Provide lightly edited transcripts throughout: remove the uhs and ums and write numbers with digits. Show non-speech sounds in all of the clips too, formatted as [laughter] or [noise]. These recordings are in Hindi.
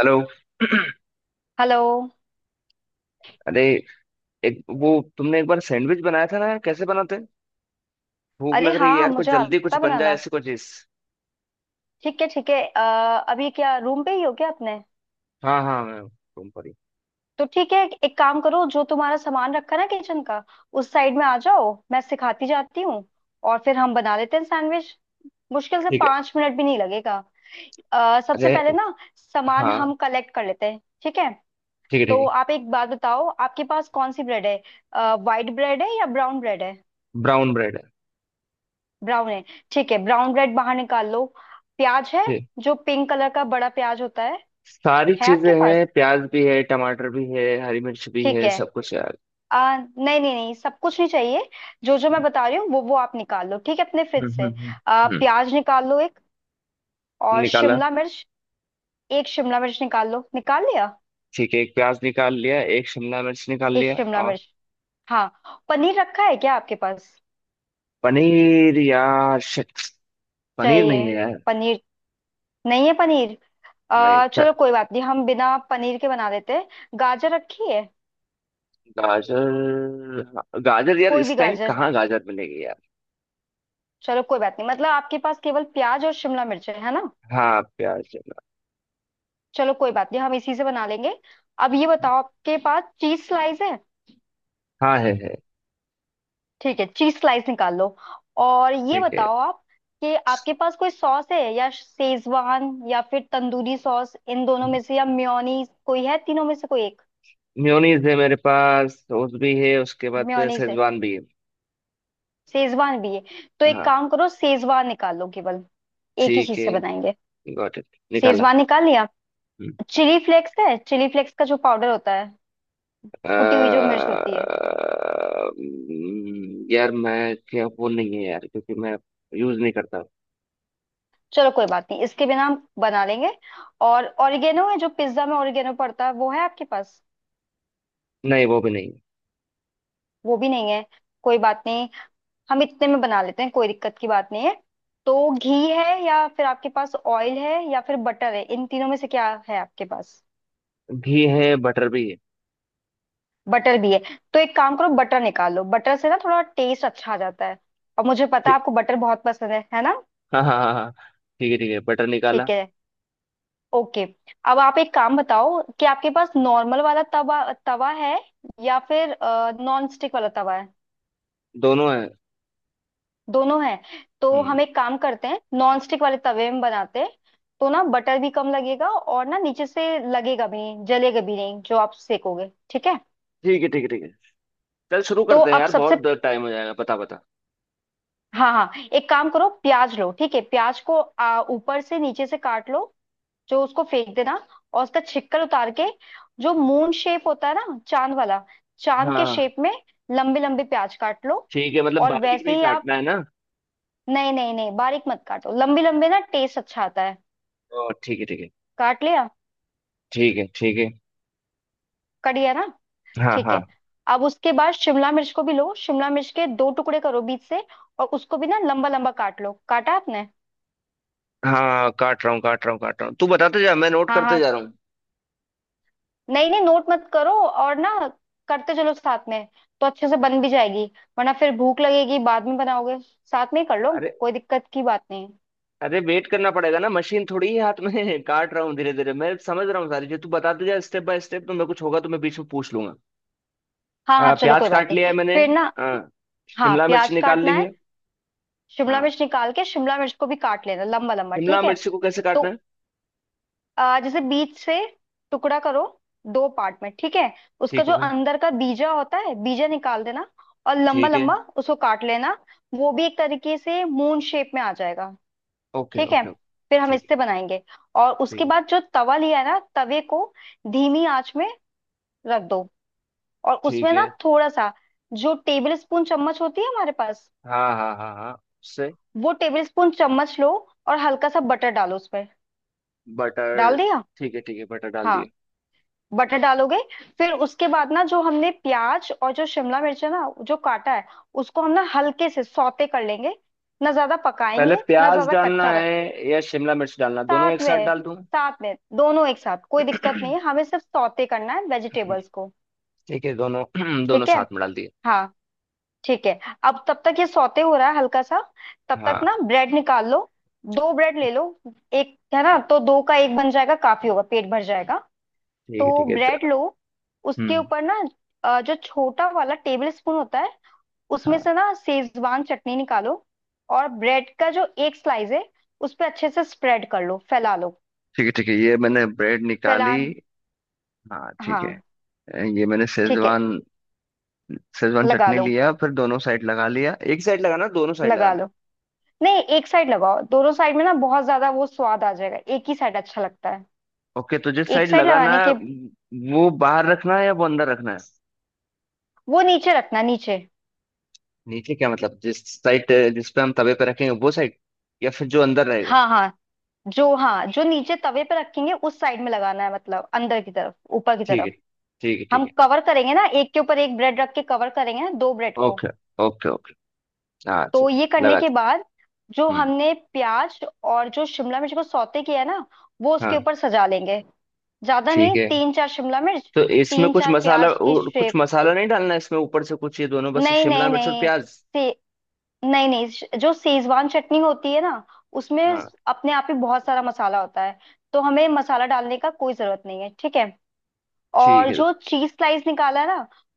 हेलो। [clears throat] हेलो। अरे एक वो तुमने एक बार सैंडविच बनाया था ना यार कैसे बनाते हैं? भूख अरे लग रही है हाँ, यार कुछ मुझे जल्दी कुछ आता बन जाए बनाना। ऐसी कोई चीज। ठीक है ठीक है। अभी क्या रूम पे ही हो क्या अपने? हाँ हाँ, मैं तुम पर ही। तो ठीक है। एक काम करो, जो तुम्हारा सामान रखा ना किचन का, उस साइड में आ जाओ, मैं सिखाती जाती हूँ। और फिर हम बना लेते हैं सैंडविच। मुश्किल से ठीक है। 5 मिनट भी नहीं लगेगा। सबसे अरे पहले ना सामान हाँ, हम कलेक्ट कर लेते हैं, ठीक है। ठीक है तो ठीक आप एक बात बताओ, आपके पास कौन सी ब्रेड है, वाइट ब्रेड है या ब्राउन ब्रेड है? है। ब्राउन ब्रेड है। ब्राउन है? ठीक है, ब्राउन ब्रेड बाहर निकाल लो। प्याज है? ठीक। जो पिंक कलर का बड़ा प्याज होता है। सारी है चीजें आपके पास? हैं, प्याज भी है, टमाटर भी है, हरी मिर्च भी ठीक है, है। सब कुछ है यार। नहीं नहीं नहीं, सब कुछ नहीं चाहिए। जो जो मैं बता रही हूँ, वो आप निकाल लो, ठीक है, अपने फ्रिज से। हम्म। हम्म। प्याज निकाल लो एक। और निकाला। शिमला मिर्च, एक शिमला मिर्च निकाल लो, निकाल लिया? ठीक है, एक प्याज निकाल लिया, एक शिमला मिर्च निकाल एक लिया। शिमला और मिर्च। हाँ, पनीर रखा है क्या आपके पास? पनीर यार शिट। पनीर नहीं चाहिए है यार। पनीर। नहीं है पनीर? नहीं। चलो कोई बात नहीं, हम बिना पनीर के बना देते हैं। गाजर रखी है? गाजर हाँ, गाजर यार कोई भी इस टाइम गाजर। कहाँ गाजर मिलेगी यार। चलो कोई बात नहीं, मतलब आपके पास केवल प्याज और शिमला मिर्च है ना? हाँ प्याज है। चलो कोई बात नहीं, हम इसी से बना लेंगे। अब ये बताओ, आपके पास चीज स्लाइस है? हाँ है है। ठीक है, चीज स्लाइस निकाल लो। और ये ठीक है। बताओ आप कि आपके पास कोई सॉस है या शेजवान या फिर तंदूरी सॉस, इन दोनों में से, या मेयोनीज, कोई है तीनों में से कोई एक? मेयोनीज है मेरे पास, सॉस भी है, उसके बाद मेयोनीज है, शेजवान भी है। शेजवान भी है। तो एक हाँ। काम करो, शेजवान निकाल लो केवल, एक ही ठीक चीज से है। बनाएंगे। Got it. निकाला। शेजवान निकाल लिया? हम्म। चिली फ्लेक्स है? चिली फ्लेक्स का जो पाउडर होता है, अ, कुटी हुई जो मिर्च होती है। यार मैं क्या वो नहीं है यार क्योंकि मैं यूज नहीं करता। चलो कोई बात नहीं, इसके बिना हम बना लेंगे। और ऑरिगेनो है? जो पिज्जा में ऑरिगेनो पड़ता है वो, है आपके पास? नहीं वो भी नहीं है। वो भी नहीं है? कोई बात नहीं, हम इतने में बना लेते हैं, कोई दिक्कत की बात नहीं है। तो घी है या फिर आपके पास ऑयल है या फिर बटर है, इन तीनों में से क्या है आपके पास? घी है, बटर भी है। बटर भी है? तो एक काम करो, बटर निकाल लो, बटर से ना थोड़ा टेस्ट अच्छा आ जाता है। और मुझे पता है ठीक। आपको बटर बहुत पसंद है ना? हाँ हाँ हाँ हाँ, ठीक है ठीक है, बटर निकाला। ठीक है, ओके। अब आप एक काम बताओ कि आपके पास नॉर्मल वाला तवा तवा है या फिर नॉन स्टिक वाला तवा है? दोनों है। दोनों है? तो हम्म। हम एक काम करते हैं, नॉन स्टिक वाले तवे में बनाते हैं तो ना, बटर भी कम लगेगा और ना नीचे से लगेगा भी नहीं, जलेगा भी नहीं जो आप सेकोगे, ठीक है। ठीक है ठीक है ठीक है। चल शुरू तो करते हैं अब यार, सबसे, बहुत टाइम हो जाएगा, पता पता। हाँ हाँ, एक काम करो, प्याज लो, ठीक है। प्याज को ऊपर से नीचे से काट लो, जो उसको फेंक देना। और उसका छिक्कर उतार के, जो मून शेप होता है ना, चांद वाला, हाँ चांद के हाँ, शेप में लंबे लंबे प्याज काट लो। ठीक है मतलब और बारीक नहीं वैसे ही आप, काटना है ना। नहीं नहीं नहीं, बारीक मत काटो, लंबे लंबे ना टेस्ट अच्छा आता है। ओ ठीक है ठीक है। काट लिया? ठीक है ठीक है। कट गया ना? हाँ ठीक हाँ। है। अब उसके बाद शिमला मिर्च को भी लो, शिमला मिर्च के दो टुकड़े करो बीच से और उसको भी ना लंबा लंबा काट लो। काटा आपने? हाँ काट रहा हूँ काट रहा हूँ काट रहा हूँ, तू बताते जा, मैं नोट हाँ करते हाँ, जा रहा हूँ। नहीं नहीं, नोट मत करो और ना, करते चलो साथ में तो अच्छे से बन भी जाएगी। वरना फिर भूख लगेगी, बाद में बनाओगे, साथ में ही कर लो, अरे। कोई दिक्कत की बात नहीं है। अरे वेट करना पड़ेगा ना, मशीन थोड़ी है हाथ में [laughs] काट रहा हूँ धीरे धीरे, मैं समझ रहा हूँ सारी चीज, तू बताते जा स्टेप बाय स्टेप, तो मैं कुछ होगा तो मैं बीच में पूछ लूंगा। हाँ हाँ, चलो प्याज कोई बात काट लिया नहीं है मैंने। फिर ना। हाँ। हाँ, शिमला मिर्च प्याज निकाल काटना ली है, है। शिमला हाँ। मिर्च निकाल के शिमला मिर्च को भी काट लेना लंबा लंबा, शिमला ठीक है। मिर्च को कैसे तो काटना है? जैसे बीच से टुकड़ा करो, दो पार्ट में, ठीक है। उसका ठीक जो हो गया। अंदर का बीजा होता है, बीजा निकाल देना और लंबा ठीक है। लंबा उसको काट लेना। वो भी एक तरीके से मून शेप में आ जाएगा, ओके ठीक है। ओके ओके फिर हम ठीक है। इससे बनाएंगे। और ठीक उसके है बाद जो तवा लिया है ना, तवे को धीमी आंच में रख दो। और उसमें ठीक ना है। थोड़ा सा, जो टेबल स्पून चम्मच होती है हमारे पास, हाँ हाँ हाँ हाँ उससे। वो टेबल स्पून चम्मच लो और हल्का सा बटर डालो उसमें। बटर। डाल दिया? ठीक है बटर डाल हाँ, दिया। बटर डालोगे, फिर उसके बाद ना जो हमने प्याज और जो शिमला मिर्च है ना, जो काटा है, उसको हम ना हल्के से सौते कर लेंगे, ना ज्यादा पहले पकाएंगे, ना प्याज ज्यादा डालना कच्चा। है या शिमला मिर्च डालना, दोनों एक साथ साथ में, डाल दूं? साथ में दोनों एक साथ, कोई [clears throat] दिक्कत नहीं है, हमें सिर्फ सौते करना है वेजिटेबल्स को। ठीक है दोनों, [clears throat] दोनों ठीक है। साथ में डाल दिए। हाँ, ठीक है। अब तब तक ये सौते हो रहा है हल्का सा, तब तक हाँ। ना ब्रेड निकाल लो, दो ब्रेड ले लो। एक है ना, तो दो का एक बन जाएगा, काफी होगा, पेट भर जाएगा। तो ठीक है ब्रेड तो-। लो, उसके हम्म। ऊपर ना, जो छोटा वाला टेबल स्पून होता है, उसमें हाँ से ना सेजवान चटनी निकालो और ब्रेड का जो एक स्लाइस है उस पर अच्छे से स्प्रेड कर लो, फैला लो। ठीक है ये मैंने ब्रेड फैला? निकाली। हाँ ठीक हाँ, है। ये मैंने ठीक है। शेजवान, शेजवान लगा चटनी लो, लिया, फिर दोनों साइड लगा लिया, एक साइड लगाना दोनों साइड लगा लगाना? लो। नहीं, एक साइड लगाओ, दोनों साइड में ना बहुत ज्यादा वो स्वाद आ जाएगा, एक ही साइड अच्छा लगता है। ओके तो जिस एक साइड साइड लगाना लगाने है के, वो बाहर रखना है या वो अंदर रखना है? वो नीचे रखना, नीचे। नीचे क्या मतलब, जिस साइड जिस पे हम तवे पे रखेंगे वो साइड, या फिर जो अंदर रहेगा? हाँ हाँ, जो नीचे तवे पे रखेंगे उस साइड में लगाना है, मतलब अंदर की तरफ, ऊपर की ठीक है। तरफ। ठीक है ठीक हम है। कवर करेंगे ना, एक के ऊपर एक ब्रेड रख के कवर करेंगे ना, दो ब्रेड को। Okay okay okay. हाँ चल। तो ये करने लगा के था। बाद, जो हम्म। हमने प्याज और जो शिमला मिर्च को सौते किया है ना, वो उसके हाँ। ऊपर सजा लेंगे, ज्यादा ठीक नहीं, है तीन चार शिमला मिर्च, तो इसमें तीन कुछ चार मसाला प्याज की। और कुछ मसाला नहीं डालना, इसमें ऊपर से कुछ, ये दोनों बस नहीं शिमला नहीं मिर्च और नहीं प्याज? से, नहीं नहीं, जो सेजवान चटनी होती है ना, उसमें हाँ। अपने आप ही बहुत सारा मसाला होता है, तो हमें मसाला डालने का कोई जरूरत नहीं है, ठीक है। ठीक और है। जो चीज स्लाइस निकाला है ना,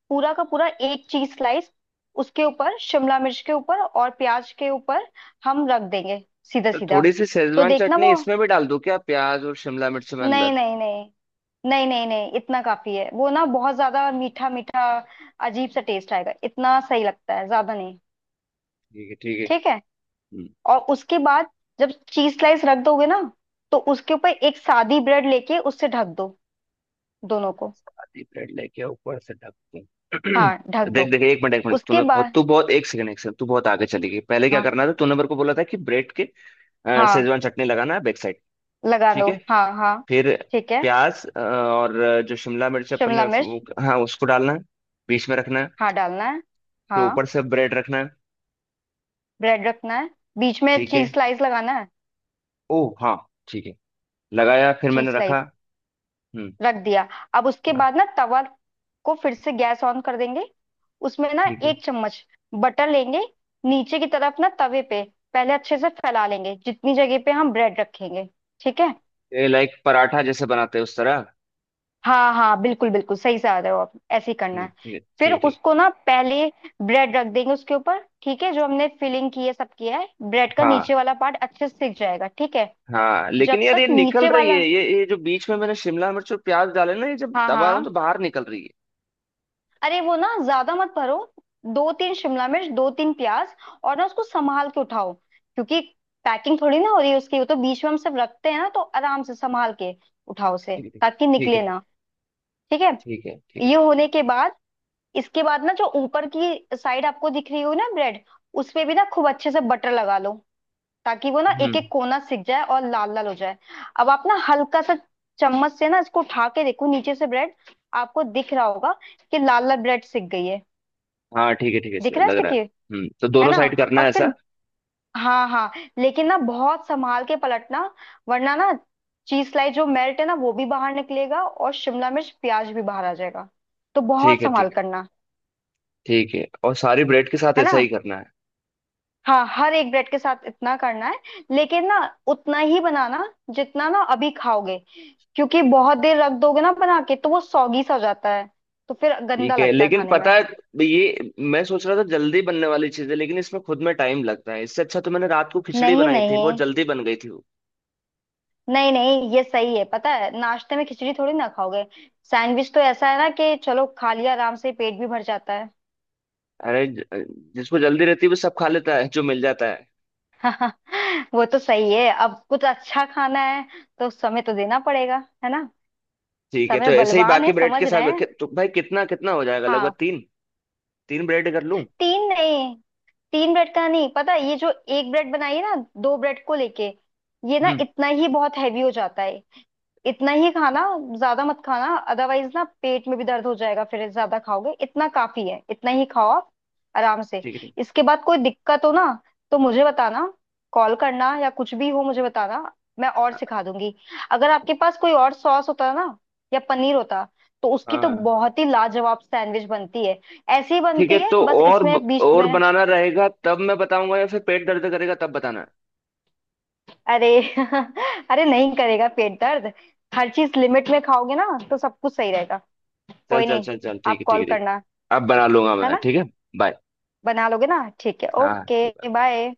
पूरा का पूरा एक चीज स्लाइस उसके ऊपर, शिमला मिर्च के ऊपर और प्याज के ऊपर हम रख देंगे सीधा तो सीधा। थोड़ी सी तो शेजवान देखना चटनी वो, इसमें भी डाल दो क्या, प्याज और शिमला मिर्च में नहीं अंदर? नहीं नहीं, नहीं नहीं नहीं, इतना काफी है, वो ना बहुत ज्यादा मीठा मीठा अजीब सा टेस्ट आएगा, इतना सही लगता है, ज्यादा नहीं। ठीक है ठीक है। ठीक है। हम्म, और उसके बाद जब चीज स्लाइस रख दोगे ना, तो उसके ऊपर एक सादी ब्रेड लेके उससे ढक दो दोनों को। शादी ब्रेड लेके ऊपर से ढक दूं? हाँ, [clears throat] ढक देख दो देख, एक मिनट एक मिनट, उसके तूने बहुत बाद। तू बहुत, एक सेकंड एक सेकंड, तू बहुत आगे चली गई। पहले क्या हाँ करना था तूने मेरे को बोला था कि ब्रेड के हाँ, शेजवान चटनी लगाना है बैक साइड। लगा ठीक दो। है। हाँ हाँ, फिर ठीक है। प्याज और जो शिमला मिर्च अपन ने शिमला मिर्च, हाँ उसको डालना है, बीच में रखना है, हाँ डालना है। फिर ऊपर हाँ, से ब्रेड रखना है। ब्रेड रखना है, बीच में ठीक है। चीज स्लाइस लगाना है। ओ हाँ। ठीक है। लगाया, फिर चीज मैंने रखा। स्लाइस हम्म। रख दिया। अब उसके हाँ। बाद ना तवा को फिर से गैस ऑन कर देंगे, उसमें ना ठीक है, एक चम्मच बटर लेंगे, नीचे की तरफ ना तवे पे पहले अच्छे से फैला लेंगे, जितनी जगह पे हम ब्रेड रखेंगे, ठीक है। ये लाइक पराठा जैसे बनाते हैं उस तरह? हाँ हाँ, बिल्कुल बिल्कुल सही से आ रहे हो आप, ऐसे ही करना है। ठीक है फिर ठीक ठीक। उसको ना पहले ब्रेड रख देंगे उसके ऊपर, ठीक है। जो हमने फिलिंग की है, सब किया है, ब्रेड का हाँ नीचे वाला पार्ट अच्छे से सिक जाएगा, ठीक है। हाँ, लेकिन जब यार ये तक निकल नीचे रही है, वाला, ये जो बीच में मैंने शिमला मिर्च और प्याज डाले ना, ये जब हाँ दबा रहा हूँ हाँ, तो बाहर निकल रही है। अरे वो ना ज्यादा मत भरो, दो तीन शिमला मिर्च, दो तीन प्याज, और ना उसको संभाल के उठाओ क्योंकि पैकिंग थोड़ी ना हो रही है उसकी, वो तो बीच में हम सब रखते हैं ना, तो आराम से संभाल के उठाओ उसे, ठीक है ताकि ठीक है। निकले ना। ठीक है। ठीक है ठीक है ये ठीक होने के बाद, इसके बाद ना जो ऊपर की साइड आपको दिख रही हो ना ब्रेड, उसपे भी ना खूब अच्छे से बटर लगा लो, ताकि वो ना है। एक हम्म। एक कोना सिक जाए और लाल लाल हो जाए। अब आप ना हल्का सा चम्मच से ना इसको उठा के देखो, नीचे से ब्रेड आपको दिख रहा होगा कि लाल लाल ब्रेड सिक गई है, हाँ ठीक है ठीक है, दिख सर रहा है लग रहा सिक्के, है। हम्म, तो है दोनों ना? साइड करना और है फिर, ऐसा? हाँ हाँ, लेकिन ना बहुत संभाल के पलटना, वरना ना चीज लाई जो मेल्ट है ना वो भी बाहर निकलेगा और शिमला मिर्च प्याज भी बाहर आ जाएगा, तो ठीक बहुत है संभाल ठीक है करना, ठीक है, और सारी ब्रेड के साथ है ना? ऐसा ही करना है? हाँ, हर एक ब्रेड के साथ इतना करना है। लेकिन ना, उतना ही बनाना जितना ना अभी खाओगे, क्योंकि बहुत देर रख दोगे ना बना के तो वो सौगी सा हो जाता है, तो फिर गंदा ठीक है, लगता है लेकिन खाने में। पता है ये मैं सोच रहा था जल्दी बनने वाली चीज है, लेकिन इसमें खुद में टाइम लगता है, इससे अच्छा तो मैंने रात को खिचड़ी नहीं बनाई थी, बहुत नहीं, जल्दी बन गई थी वो। नहीं नहीं ये सही है, पता है नाश्ते में खिचड़ी थोड़ी ना खाओगे, सैंडविच तो ऐसा है ना कि चलो खा लिया, आराम से पेट भी भर जाता है। अरे जिसको जल्दी रहती है वो सब खा लेता है जो मिल जाता है। [laughs] वो तो सही है, अब कुछ अच्छा खाना है तो समय तो देना पड़ेगा, है ना? ठीक है, तो समय ऐसे ही बलवान बाकी है, ब्रेड के समझ साथ रहे हैं। तो भाई कितना कितना हो जाएगा, लगभग हाँ, तीन, तीन ब्रेड कर लूं? तीन नहीं, तीन ब्रेड का नहीं, पता है, ये जो एक ब्रेड बनाई है ना, दो ब्रेड को लेके, ये ना हम्म। इतना ही बहुत हैवी हो जाता है, इतना ही खाना, ज्यादा मत खाना, अदरवाइज ना पेट में भी दर्द हो जाएगा फिर ज्यादा खाओगे, इतना काफी है, इतना ही खाओ आप आराम से। ठीक है ठीक। इसके बाद कोई दिक्कत हो ना, तो मुझे बताना, कॉल करना या कुछ भी हो मुझे बताना, मैं और सिखा दूंगी। अगर आपके पास कोई और सॉस होता ना, या पनीर होता, तो उसकी तो हाँ बहुत ही लाजवाब सैंडविच बनती है, ऐसी ही ठीक बनती है, है तो बस और इसमें बीच और में। बनाना रहेगा तब मैं बताऊंगा, या फिर पेट दर्द करेगा तब बताना है? अरे, [laughs] अरे नहीं करेगा पेट दर्द, हर चीज लिमिट में खाओगे ना तो सब कुछ सही रहेगा। चल कोई चल नहीं, चल चल, ठीक आप है ठीक कॉल है ठीक करना, है, अब बना लूंगा है मैं, ना, ठीक है। बाय। बना लोगे ना? ठीक है, हाँ। Okay bye.